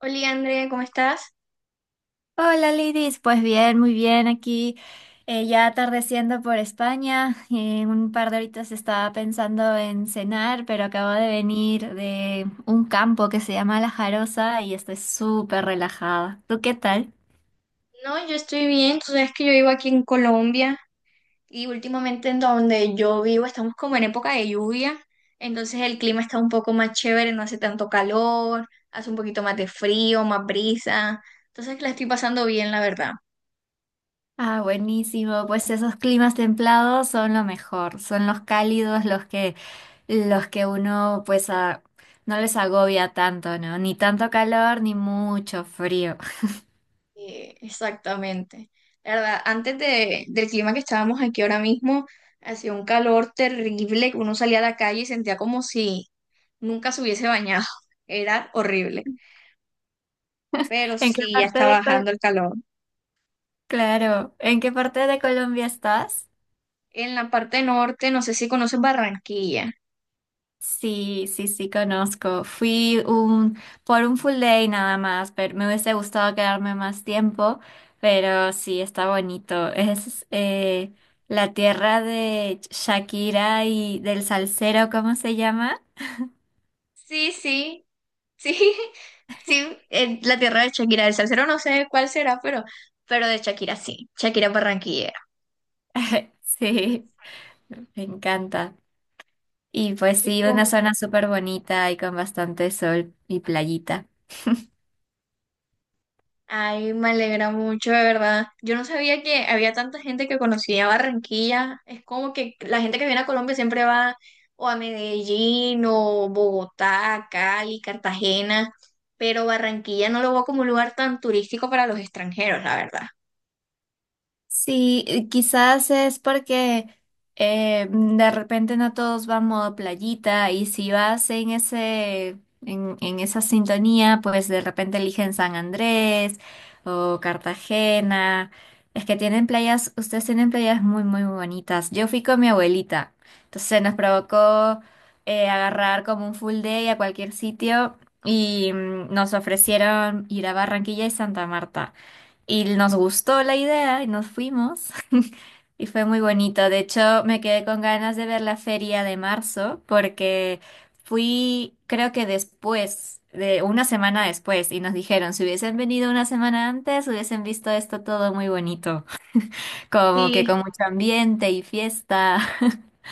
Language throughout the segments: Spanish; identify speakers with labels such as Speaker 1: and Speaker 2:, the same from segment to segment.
Speaker 1: Hola Andrea, ¿cómo estás?
Speaker 2: Hola Lidis, pues bien, muy bien aquí, ya atardeciendo por España. En un par de horitas estaba pensando en cenar, pero acabo de venir de un campo que se llama La Jarosa y estoy súper relajada. ¿Tú qué tal?
Speaker 1: No, yo estoy bien, tú sabes que yo vivo aquí en Colombia y últimamente en donde yo vivo estamos como en época de lluvia, entonces el clima está un poco más chévere, no hace tanto calor, hace un poquito más de frío, más brisa, entonces la estoy pasando bien, la verdad.
Speaker 2: Ah, buenísimo, pues esos climas templados son lo mejor. Son los cálidos los que uno pues no les agobia tanto, ¿no? Ni tanto calor ni mucho frío.
Speaker 1: Exactamente. La verdad, del clima que estábamos aquí ahora mismo, hacía un calor terrible, uno salía a la calle y sentía como si nunca se hubiese bañado, era horrible. Pero
Speaker 2: ¿En qué
Speaker 1: sí, ya
Speaker 2: parte
Speaker 1: está
Speaker 2: de
Speaker 1: bajando
Speaker 2: Colombia?
Speaker 1: el calor.
Speaker 2: Claro, ¿en qué parte de Colombia estás?
Speaker 1: En la parte norte, no sé si conocen Barranquilla.
Speaker 2: Sí, sí, sí, conozco. Por un full day nada más, pero me hubiese gustado quedarme más tiempo, pero sí, está bonito. Es la tierra de Shakira y del salsero, ¿cómo se llama?
Speaker 1: Sí, sí, sí, sí, la tierra de Shakira, el salsero no sé cuál será, pero de Shakira sí, Shakira es barranquillera.
Speaker 2: Sí, me encanta. Y pues
Speaker 1: Y
Speaker 2: sí,
Speaker 1: con-
Speaker 2: una zona súper bonita y con bastante sol y playita.
Speaker 1: ay, me alegra mucho, de verdad. Yo no sabía que había tanta gente que conocía Barranquilla. Es como que la gente que viene a Colombia siempre va o a Medellín o Bogotá, Cali, Cartagena, pero Barranquilla no lo veo como un lugar tan turístico para los extranjeros, la verdad.
Speaker 2: Sí, quizás es porque de repente no todos van modo playita, y si vas en esa sintonía, pues de repente eligen San Andrés o Cartagena. Es que tienen playas, ustedes tienen playas muy, muy bonitas. Yo fui con mi abuelita, entonces nos provocó agarrar como un full day a cualquier sitio y nos ofrecieron ir a Barranquilla y Santa Marta. Y nos gustó la idea y nos fuimos. Y fue muy bonito. De hecho, me quedé con ganas de ver la feria de marzo porque fui, creo que después, de una semana después, y nos dijeron, si hubiesen venido una semana antes, hubiesen visto esto todo muy bonito, como que
Speaker 1: Sí,
Speaker 2: con mucho ambiente y fiesta.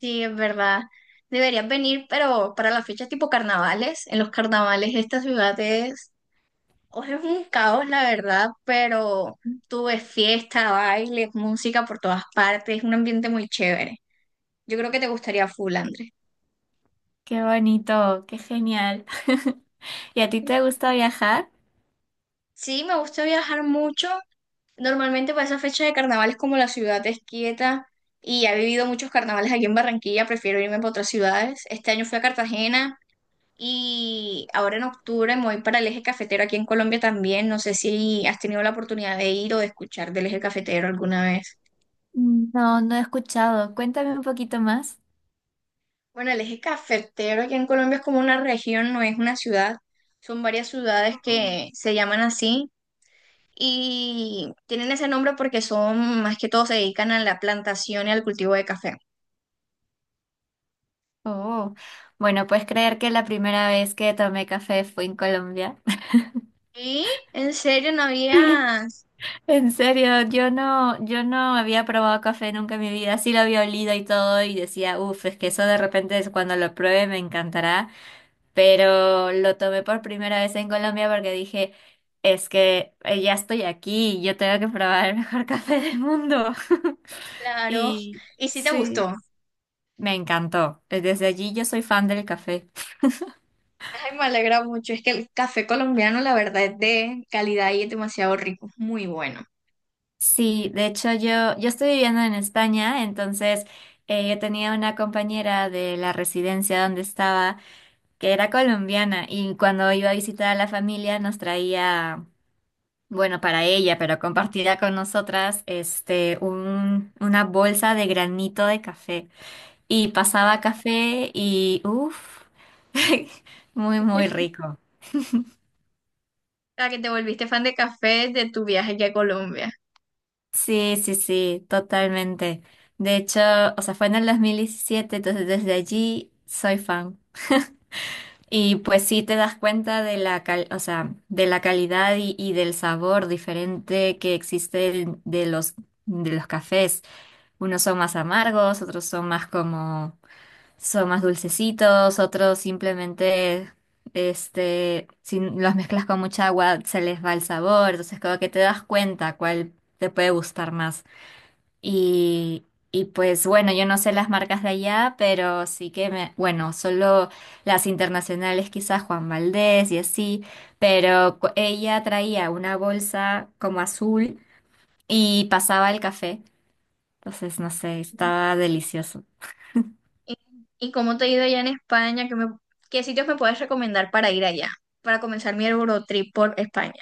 Speaker 1: sí, es verdad. Deberías venir, pero para las fechas tipo carnavales, en los carnavales esta ciudad es hoy es un caos, la verdad, pero tuve fiesta, baile, música por todas partes, es un ambiente muy chévere. Yo creo que te gustaría full, Andrés.
Speaker 2: Qué bonito, qué genial. ¿Y a ti te gusta viajar?
Speaker 1: Sí, me gusta viajar mucho. Normalmente para esa fecha de carnavales, como la ciudad es quieta y he vivido muchos carnavales aquí en Barranquilla, prefiero irme para otras ciudades. Este año fui a Cartagena y ahora en octubre me voy para el Eje Cafetero aquí en Colombia también. No sé si has tenido la oportunidad de ir o de escuchar del Eje Cafetero alguna vez.
Speaker 2: No, no he escuchado. Cuéntame un poquito más.
Speaker 1: Bueno, el eje cafetero aquí en Colombia es como una región, no es una ciudad. Son varias ciudades que se llaman así y tienen ese nombre porque son, más que todo, se dedican a la plantación y al cultivo de café.
Speaker 2: Oh, bueno, ¿puedes creer que la primera vez que tomé café fue en Colombia?
Speaker 1: ¿Y en serio no habías?
Speaker 2: En serio, yo no había probado café nunca en mi vida. Sí lo había olido y todo y decía, uff, es que eso de repente es cuando lo pruebe me encantará. Pero lo tomé por primera vez en Colombia porque dije, es que ya estoy aquí, yo tengo que probar el mejor café del mundo.
Speaker 1: Claro.
Speaker 2: Y
Speaker 1: ¿Y si te
Speaker 2: sí,
Speaker 1: gustó?
Speaker 2: me encantó. Desde allí yo soy fan del café.
Speaker 1: Ay, me alegra mucho. Es que el café colombiano, la verdad, es de calidad y es demasiado rico. Muy bueno.
Speaker 2: Sí, de hecho yo estoy viviendo en España, entonces yo tenía una compañera de la residencia donde estaba que era colombiana, y cuando iba a visitar a la familia nos traía, bueno, para ella, pero compartida con nosotras, este, una bolsa de granito de café y pasaba café y uff, muy, muy rico.
Speaker 1: O sea, que te volviste fan de café de tu viaje aquí a Colombia.
Speaker 2: Sí, sí, sí, totalmente. De hecho, o sea, fue en el 2017, entonces desde allí soy fan. Y pues sí te das cuenta de la o sea, de la calidad y del sabor diferente que existe de los cafés. Unos son más amargos, otros son más como son más dulcecitos, otros simplemente este si los mezclas con mucha agua se les va el sabor, entonces como que te das cuenta cuál te puede gustar más. Y, y pues bueno, yo no sé las marcas de allá, pero sí que me, bueno, solo las internacionales, quizás Juan Valdés y así, pero ella traía una bolsa como azul y pasaba el café. Entonces, no sé, estaba delicioso.
Speaker 1: ¿Y, y cómo te ha ido allá en España? ¿Qué, me- qué sitios me puedes recomendar para ir allá? Para comenzar mi Eurotrip por España.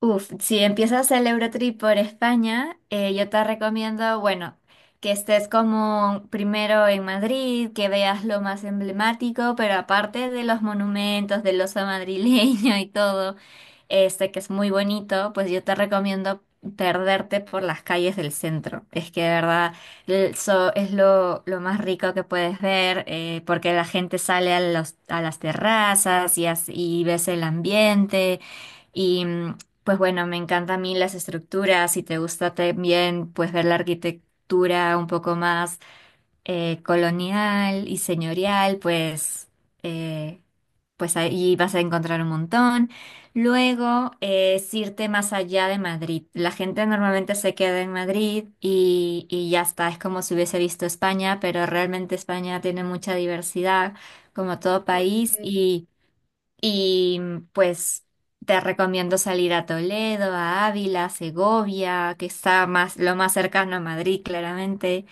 Speaker 2: Uf, si empiezas el Eurotrip por España, yo te recomiendo, bueno, que estés como primero en Madrid, que veas lo más emblemático, pero aparte de los monumentos, del oso madrileño y todo, este que es muy bonito, pues yo te recomiendo perderte por las calles del centro. Es que de verdad es lo más rico que puedes ver, porque la gente sale a a las terrazas y, y ves el ambiente. Y pues bueno, me encanta a mí las estructuras. Si te gusta también pues ver la arquitectura un poco más colonial y señorial, pues, eh, pues ahí vas a encontrar un montón. Luego es irte más allá de Madrid. La gente normalmente se queda en Madrid y ya está, es como si hubiese visto,
Speaker 1: Okay.
Speaker 2: y pues te recomiendo salir a Toledo, a Ávila, Segovia, que está más, lo más cercano a Madrid, claramente.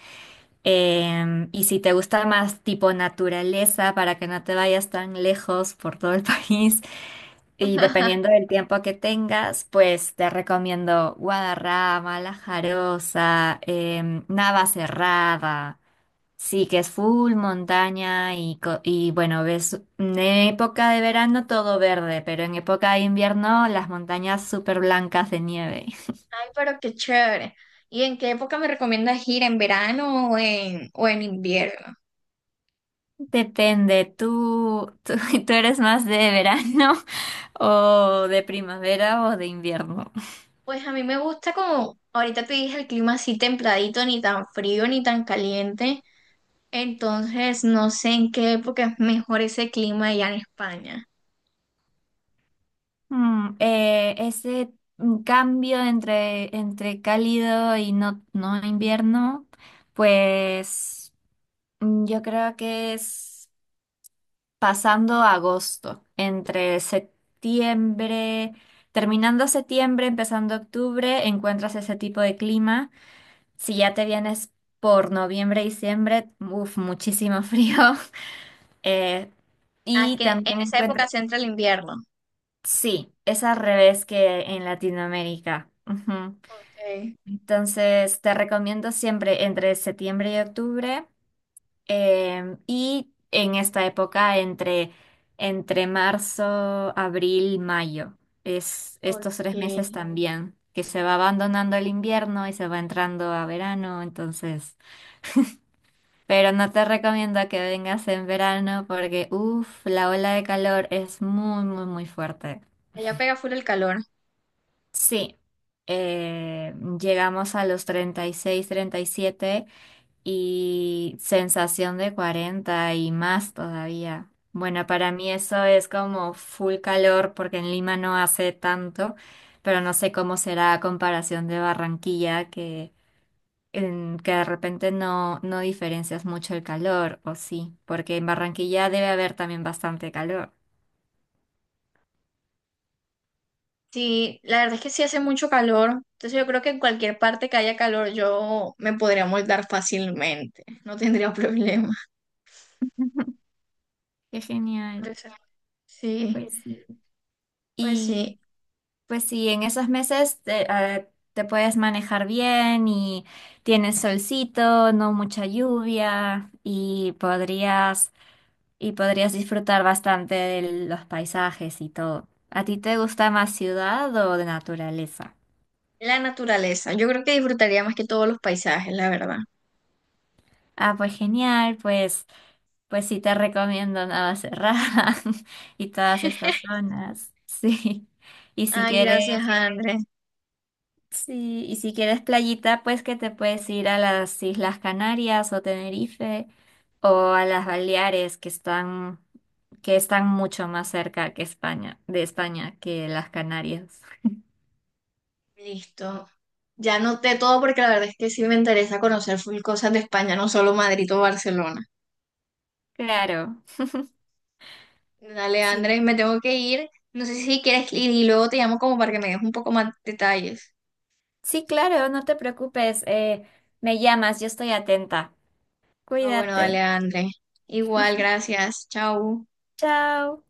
Speaker 2: Em, y si te gusta más tipo naturaleza, para que no te vayas tan lejos por todo el país, y dependiendo del tiempo que tengas, pues te recomiendo Guadarrama, La Jarosa, Navacerrada. Sí, que es full montaña y, y bueno, ves en época de verano todo verde, pero en época de invierno las montañas súper blancas de nieve.
Speaker 1: Ay, pero qué chévere. ¿Y en qué época me recomiendas ir? ¿En verano o en invierno?
Speaker 2: Depende, ¿tú eres más de verano o de primavera o de invierno?
Speaker 1: Pues a mí me gusta como, ahorita te dije, el clima así templadito, ni tan frío ni tan caliente. Entonces, no sé en qué época es mejor ese clima allá en España.
Speaker 2: Mm, eh, ese cambio entre cálido y no invierno, pues yo creo que es... pasando a agosto, entre septiembre, terminando septiembre, empezando octubre, encuentras ese tipo de clima. Si ya te vienes por noviembre, diciembre, uff, muchísimo frío. Eh,
Speaker 1: Ah, es
Speaker 2: y
Speaker 1: que en
Speaker 2: también
Speaker 1: esa época
Speaker 2: encuentras,
Speaker 1: se entra el invierno.
Speaker 2: sí, es al revés que en Latinoamérica. Ujú.
Speaker 1: Ok,
Speaker 2: Entonces, te recomiendo siempre entre septiembre y octubre. Em, y en esta época, entre marzo, abril, mayo, es
Speaker 1: ok.
Speaker 2: estos tres meses también, que se va abandonando el invierno y se va entrando a verano, entonces, pero no te recomiendo que vengas en verano porque, uff, la ola de calor es muy, muy, muy fuerte.
Speaker 1: Allá pega full el calor.
Speaker 2: Sí, eh, llegamos a los 30, 36, 37 y sensación de 40 y más todavía. Bueno, para mí eso es como full calor porque en Lima no hace tanto, pero no sé cómo será a comparación de Barranquilla que, que de repente no diferencias mucho el calor, o sí, porque en Barranquilla debe haber también bastante calor.
Speaker 1: Sí, la verdad es que sí hace mucho calor, entonces yo creo que en cualquier parte que haya calor yo me podría moldar fácilmente, no tendría problema.
Speaker 2: Qué
Speaker 1: Por
Speaker 2: genial,
Speaker 1: eso, sí,
Speaker 2: pues
Speaker 1: pues
Speaker 2: sí.
Speaker 1: sí,
Speaker 2: Pues sí, en esos meses te puedes manejar bien y tienes solcito, no mucha lluvia y podrías disfrutar bastante de los paisajes y todo. ¿A ti te gusta más ciudad o de naturaleza?
Speaker 1: la naturaleza, yo creo que disfrutaría más que todos los paisajes, la verdad.
Speaker 2: Ah, pues genial, pues sí te recomiendo Navacerrada y todas estas zonas. Sí. Y si
Speaker 1: Ay,
Speaker 2: quieres
Speaker 1: gracias, Andrés.
Speaker 2: Sí, y si quieres playita, pues que te puedes ir a las Islas Canarias o Tenerife o a las Baleares, que están mucho más cerca que de España que las Canarias.
Speaker 1: Listo. Ya noté todo porque la verdad es que sí me interesa conocer full cosas de España, no solo Madrid o Barcelona.
Speaker 2: Claro.
Speaker 1: Dale,
Speaker 2: Sí.
Speaker 1: Andrés, me tengo que ir. No sé si quieres ir y luego te llamo como para que me des un poco más detalles.
Speaker 2: Sí, claro, no te preocupes. Me llamas, yo estoy atenta.
Speaker 1: Ah, bueno,
Speaker 2: Cuídate.
Speaker 1: dale, André. Igual, gracias. Chau.
Speaker 2: Chao.